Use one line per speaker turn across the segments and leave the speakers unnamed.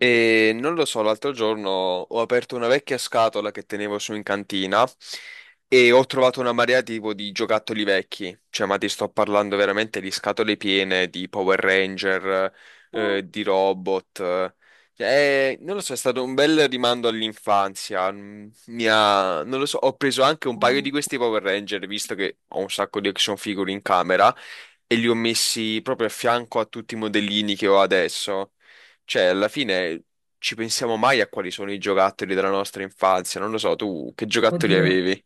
E non lo so, l'altro giorno ho aperto una vecchia scatola che tenevo su in cantina e ho trovato una marea tipo di giocattoli vecchi. Cioè, ma ti sto parlando veramente di scatole piene di Power Ranger, di robot. Cioè, non lo so, è stato un bel rimando all'infanzia. Non lo so, ho preso anche un paio di questi Power Ranger, visto che ho un sacco di action figure in camera, e li ho messi proprio a fianco a tutti i modellini che ho adesso. Cioè, alla fine ci pensiamo mai a quali sono i giocattoli della nostra infanzia? Non lo so, tu che giocattoli
Oddio,
avevi?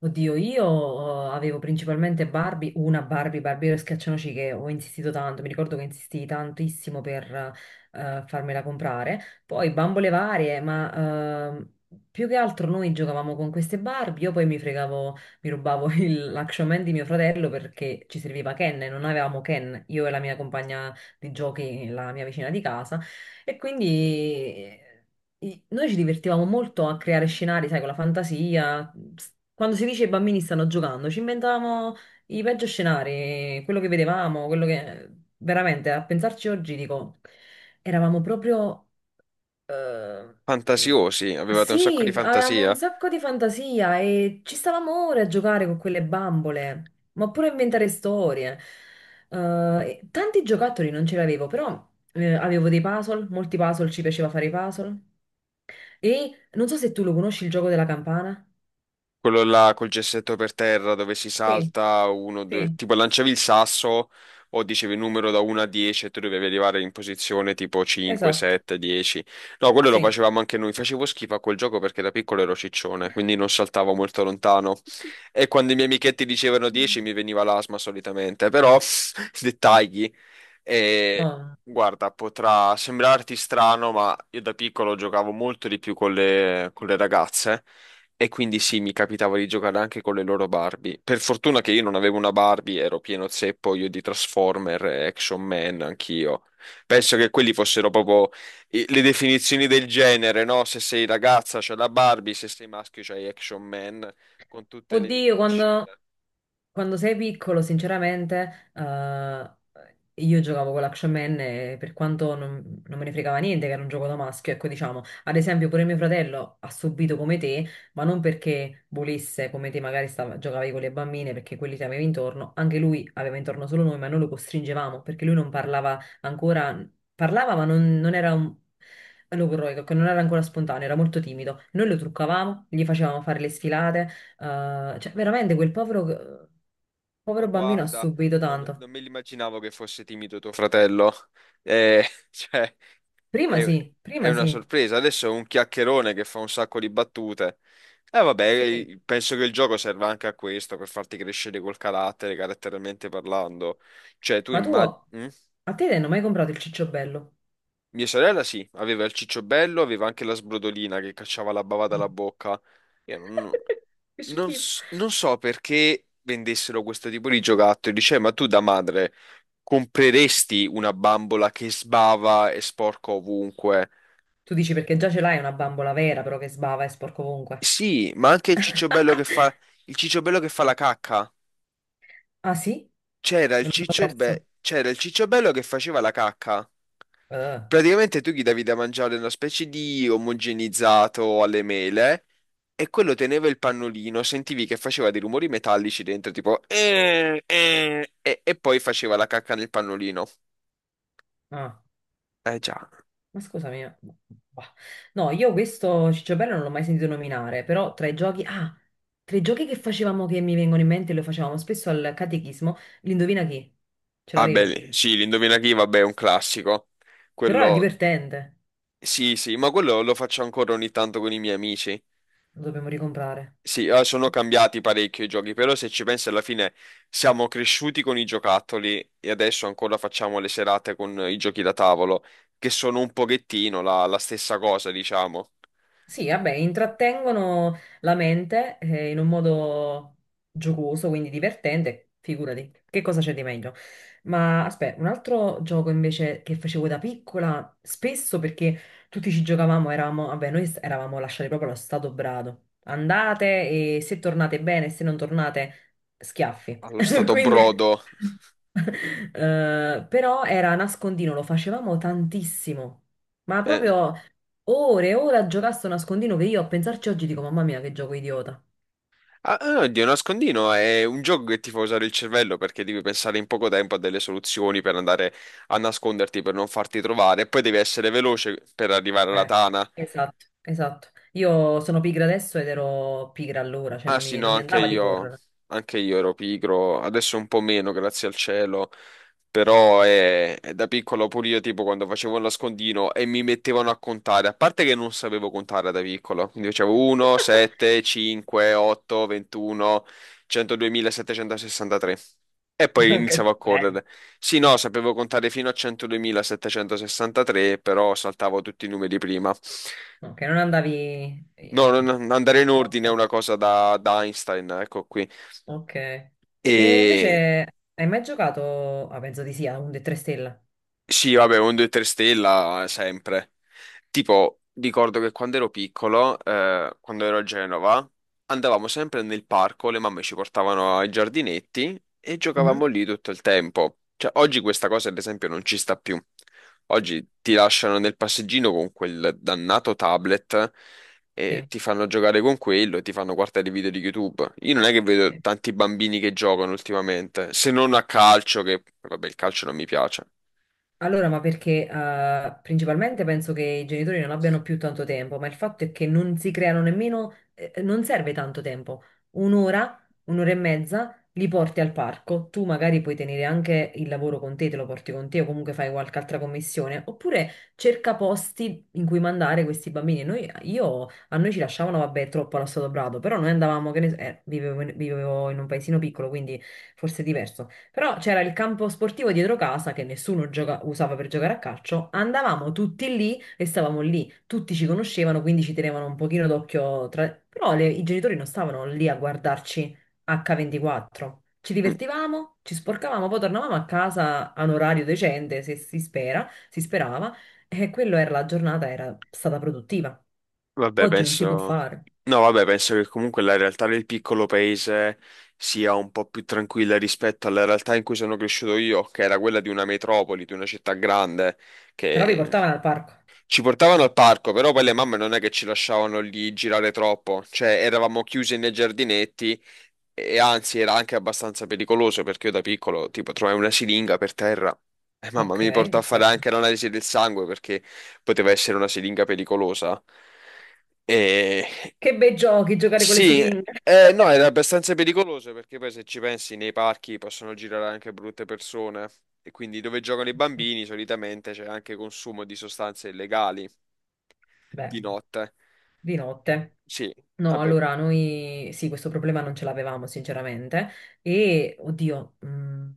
oddio, io avevo principalmente Barbie, una Barbie, Barbie e Schiaccianoci che ho insistito tanto, mi ricordo che insistii tantissimo per farmela comprare, poi bambole varie, ma più che altro noi giocavamo con queste Barbie, io poi mi fregavo, mi rubavo l'Action Man di mio fratello perché ci serviva Ken e non avevamo Ken, io e la mia compagna di giochi, la mia vicina di casa, e quindi. Noi ci divertivamo molto a creare scenari, sai, con la fantasia. Quando si dice i bambini stanno giocando, ci inventavamo i peggio scenari, quello che vedevamo, quello che veramente a pensarci oggi dico, eravamo proprio eh,
Fantasiosi, avevate un sacco
sì,
di
avevamo un
fantasia?
sacco di fantasia e ci stavamo ore a giocare con quelle bambole, ma pure a inventare storie. Eh, e tanti giocattoli non ce li avevo, però avevo dei puzzle, molti puzzle, ci piaceva fare i puzzle. E non so se tu lo conosci il gioco della campana.
Quello là col gessetto per terra dove si
Sì,
salta uno, due,
sì,
tipo lanciavi il sasso o dicevi il numero da 1 a 10 e tu dovevi arrivare in posizione tipo 5,
esatto,
7, 10. No, quello lo
sì.
facevamo anche noi. Facevo schifo a quel gioco perché da piccolo ero ciccione, quindi non saltavo molto lontano. E quando i miei amichetti dicevano
Mm.
10 mi veniva l'asma solitamente, però dettagli. E
No.
guarda, potrà sembrarti strano, ma io da piccolo giocavo molto di più con le ragazze. E quindi sì, mi capitava di giocare anche con le loro Barbie. Per fortuna che io non avevo una Barbie, ero pieno zeppo io di Transformer, e Action Man, anch'io. Penso che quelli fossero proprio le definizioni del genere, no? Se sei ragazza c'è la Barbie, se sei maschio c'hai Action Man, con tutte le micro
Oddio,
machine.
quando. Quando sei piccolo, sinceramente, io giocavo con l'Action Man e per quanto non me ne fregava niente che era un gioco da maschio, ecco, diciamo, ad esempio pure mio fratello ha subito come te, ma non perché volesse, come te magari giocavi con le bambine, perché quelli ti avevi intorno, anche lui aveva intorno solo noi, ma noi lo costringevamo, perché lui non parlava ancora, parlava ma non era un. Logorroico, che non era ancora spontaneo, era molto timido. Noi lo truccavamo, gli facevamo fare le sfilate, cioè, veramente quel povero,
Ma
povero bambino ha
guarda,
subito tanto.
non me l'immaginavo che fosse timido tuo fratello. Eh, cioè... È, è
Prima
una
sì,
sorpresa. Adesso è un chiacchierone che fa un sacco di battute. E
sì.
vabbè, penso che il gioco serva anche a questo, per farti crescere col carattere, caratterialmente parlando. Cioè, tu
Ma tu, a
immagini...
te ti hanno mai comprato il cicciobello?
Mia sorella sì, aveva il ciccio bello, aveva anche la sbrodolina che cacciava la bava dalla bocca. Io
Che schifo.
non so perché vendessero questo tipo di giocattoli. Dice, ma tu da madre compreresti una bambola che sbava e sporca ovunque?
Tu dici perché già ce l'hai una bambola vera, però che sbava e sporco ovunque.
Sì, ma anche il cicciobello che fa la cacca.
Ah sì?
C'era il
Me lo sono
cicciobello
perso.
c'era il cicciobello che faceva la cacca.
Eh,
Praticamente tu gli davi da mangiare una specie di omogenizzato alle mele e quello teneva il pannolino, sentivi che faceva dei rumori metallici dentro, tipo e poi faceva la cacca nel pannolino.
ah.
Eh già.
Ma scusami, bah. No, io questo Cicciobello non l'ho mai sentito nominare, però tra i giochi, tra i giochi che facevamo che mi vengono in mente, lo facevamo spesso al catechismo, l'indovina chi? Ce
Ah
l'avevi?
beh, sì, l'indovina chi, vabbè, è un classico.
Però era
Quello
divertente,
sì, sì, ma quello lo faccio ancora ogni tanto con i miei amici.
lo dobbiamo ricomprare.
Sì, sono cambiati parecchio i giochi, però se ci pensi alla fine siamo cresciuti con i giocattoli e adesso ancora facciamo le serate con i giochi da tavolo, che sono un pochettino la stessa cosa, diciamo,
Sì, vabbè, intrattengono la mente in un modo giocoso, quindi divertente, figurati, che cosa c'è di meglio? Ma aspetta, un altro gioco invece che facevo da piccola, spesso perché tutti ci giocavamo, eravamo, vabbè, eravamo lasciati proprio allo stato brado. Andate e se tornate bene, se non tornate, schiaffi.
allo stato
Quindi,
brodo.
però era nascondino, lo facevamo tantissimo, ma
Eh.
proprio. Ore e ore a giocasse a nascondino che io a pensarci oggi dico, mamma mia, che gioco idiota.
Ah, ah, oddio, nascondino è un gioco che ti fa usare il cervello perché devi pensare in poco tempo a delle soluzioni per andare a nasconderti, per non farti trovare, e poi devi essere veloce per arrivare alla
Eh,
tana.
esatto, esatto. Io sono pigra adesso ed ero pigra allora, cioè
Ah
non
sì,
mi,
no,
non mi andava di correre.
anche io ero pigro, adesso un po' meno, grazie al cielo, però da piccolo pure io tipo quando facevo il nascondino e mi mettevano a contare, a parte che non sapevo contare da piccolo, quindi facevo 1, 7, 5, 8, 21, 102.763 e poi iniziavo
Che
a
bene.
correre. Sì, no, sapevo contare fino a 102.763, però saltavo tutti i numeri prima.
Ok, non andavi.
No, andare in
Ok,
ordine è una cosa da Einstein, ecco qui.
ok. E
E
invece hai mai giocato. Ah, penso di sì, a un 3 stella.
Sì, vabbè, un 2-3 stella sempre. Tipo, ricordo che quando ero piccolo, quando ero a Genova, andavamo sempre nel parco, le mamme ci portavano ai giardinetti e giocavamo
Mhm,
lì tutto il tempo. Cioè, oggi questa cosa, ad esempio, non ci sta più. Oggi ti lasciano nel passeggino con quel dannato tablet e
sì,
ti fanno giocare con quello e ti fanno guardare i video di YouTube. Io non è che vedo
sì.
tanti bambini che giocano ultimamente, se non a calcio, che vabbè, il calcio non mi piace.
Allora, ma perché principalmente penso che i genitori non abbiano più tanto tempo, ma il fatto è che non si creano nemmeno, non serve tanto tempo. Un'ora, un'ora e mezza li porti al parco, tu magari puoi tenere anche il lavoro con te, te lo porti con te o comunque fai qualche altra commissione, oppure cerca posti in cui mandare questi bambini. Noi, io, a noi ci lasciavano, vabbè, troppo allo Stato Brado, però noi andavamo, che ne so- vivevo in un paesino piccolo, quindi forse è diverso. Però c'era il campo sportivo dietro casa che nessuno usava per giocare a calcio. Andavamo tutti lì e stavamo lì. Tutti ci conoscevano, quindi ci tenevano un pochino d'occhio tra. Però i genitori non stavano lì a guardarci H24. Ci divertivamo, ci sporcavamo, poi tornavamo a casa a un orario decente, se si spera, si sperava, e quello era la giornata, era stata produttiva.
Vabbè,
Oggi non si può
penso...
fare.
No, vabbè, penso che comunque la realtà del piccolo paese sia un po' più tranquilla rispetto alla realtà in cui sono cresciuto io, che era quella di una metropoli, di una città grande,
Però vi
che
portavano al parco.
ci portavano al parco, però poi le mamme non è che ci lasciavano lì girare troppo, cioè eravamo chiusi nei giardinetti e anzi, era anche abbastanza pericoloso perché io da piccolo, tipo, trovai una siringa per terra e mamma
Ok,
mi portò a fare
perfetto.
anche l'analisi del sangue perché poteva essere una siringa pericolosa. E
Che bei giochi, giocare con le
sì,
siringhe.
no, era abbastanza pericoloso perché poi se ci pensi nei parchi possono girare anche brutte persone e quindi dove giocano i bambini solitamente c'è anche consumo di sostanze illegali
Beh,
di notte.
di notte.
Sì,
No,
vabbè,
allora noi sì, questo problema non ce l'avevamo sinceramente e oddio,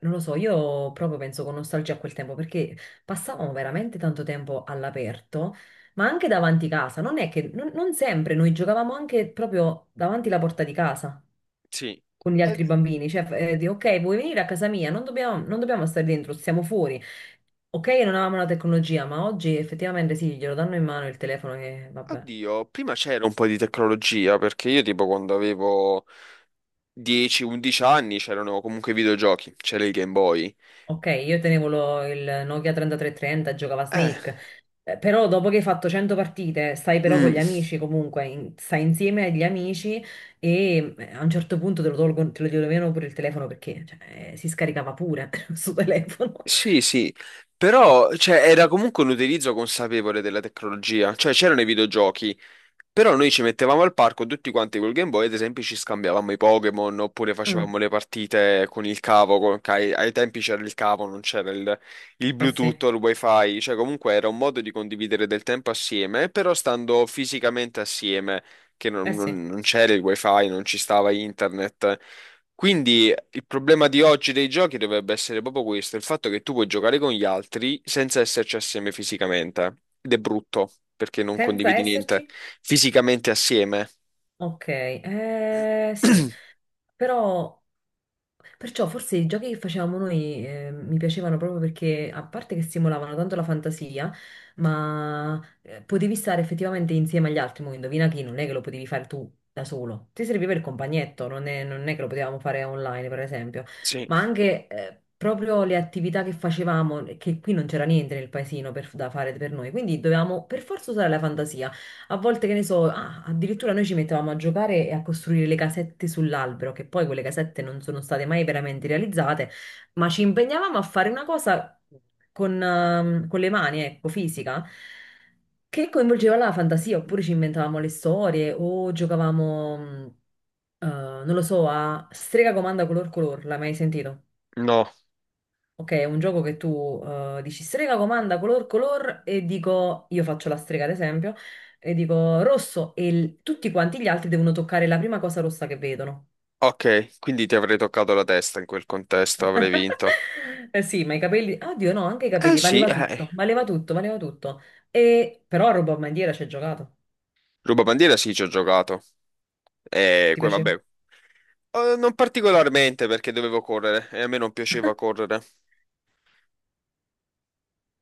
non lo so, io proprio penso con nostalgia a quel tempo perché passavamo veramente tanto tempo all'aperto, ma anche davanti casa, non è che non sempre noi giocavamo anche proprio davanti la porta di casa.
sì.
Con gli
Eh,
altri bambini, cioè di ok, vuoi venire a casa mia? Non dobbiamo, non dobbiamo stare dentro, stiamo fuori. Ok, non avevamo la tecnologia, ma oggi effettivamente sì, glielo danno in mano il telefono e vabbè.
Oddio, prima c'era un po' di tecnologia, perché io tipo quando avevo 10-11 anni c'erano comunque i videogiochi, c'era il Game Boy.
Ok, io tenevo il Nokia 3330, giocava a
Eh,
Snake. Però dopo che hai fatto 100 partite, stai però con gli
mm,
amici comunque, in- stai insieme agli amici e a un certo punto te lo tolgono, te lo togliono pure il telefono perché cioè, si scaricava pure sul telefono.
sì, sì, però cioè, era comunque un utilizzo consapevole della tecnologia, cioè c'erano i videogiochi. Però noi ci mettevamo al parco tutti quanti col Game Boy, ad esempio ci scambiavamo i Pokémon oppure
Mm,
facevamo le partite con il cavo, che ai tempi c'era il cavo, non c'era il
eh
Bluetooth
sì,
o il Wi-Fi, cioè comunque era un modo di condividere del tempo assieme, però stando fisicamente assieme, che
eh sì.
non c'era il Wi-Fi, non ci stava internet. Quindi il problema di oggi dei giochi dovrebbe essere proprio questo, il fatto che tu puoi giocare con gli altri senza esserci assieme fisicamente. Ed è brutto, perché non
Senza
condividi niente
esserci.
fisicamente assieme.
Ok, sì, però perciò forse i giochi che facevamo noi mi piacevano proprio perché a parte che stimolavano tanto la fantasia, ma potevi stare effettivamente insieme agli altri, mo indovina chi, non è che lo potevi fare tu da solo, ti serviva il compagnetto, non è che lo potevamo fare online per esempio,
Sì,
ma anche proprio le attività che facevamo, che qui non c'era niente nel paesino da fare per noi, quindi dovevamo per forza usare la fantasia. A volte, che ne so, ah, addirittura noi ci mettevamo a giocare e a costruire le casette sull'albero, che poi quelle casette non sono state mai veramente realizzate, ma ci impegnavamo a fare una cosa con le mani, ecco, fisica, che coinvolgeva la fantasia, oppure ci inventavamo le storie o giocavamo, non lo so, a strega comanda color color, l'hai mai sentito?
no.
Ok, è un gioco che tu dici strega comanda color color e dico, io faccio la strega ad esempio, e dico rosso e tutti quanti gli altri devono toccare la prima cosa rossa che vedono.
Ok, quindi ti avrei toccato la testa in quel contesto, avrei vinto.
Eh sì, ma i capelli, oddio no, anche i
Eh
capelli,
sì,
valeva
eh.
tutto, valeva tutto, valeva tutto. E però a ruba bandiera ci hai giocato,
Rubabandiera sì, ci ho giocato. E
ti
poi
piace?
vabbè, non particolarmente perché dovevo correre e a me non piaceva correre.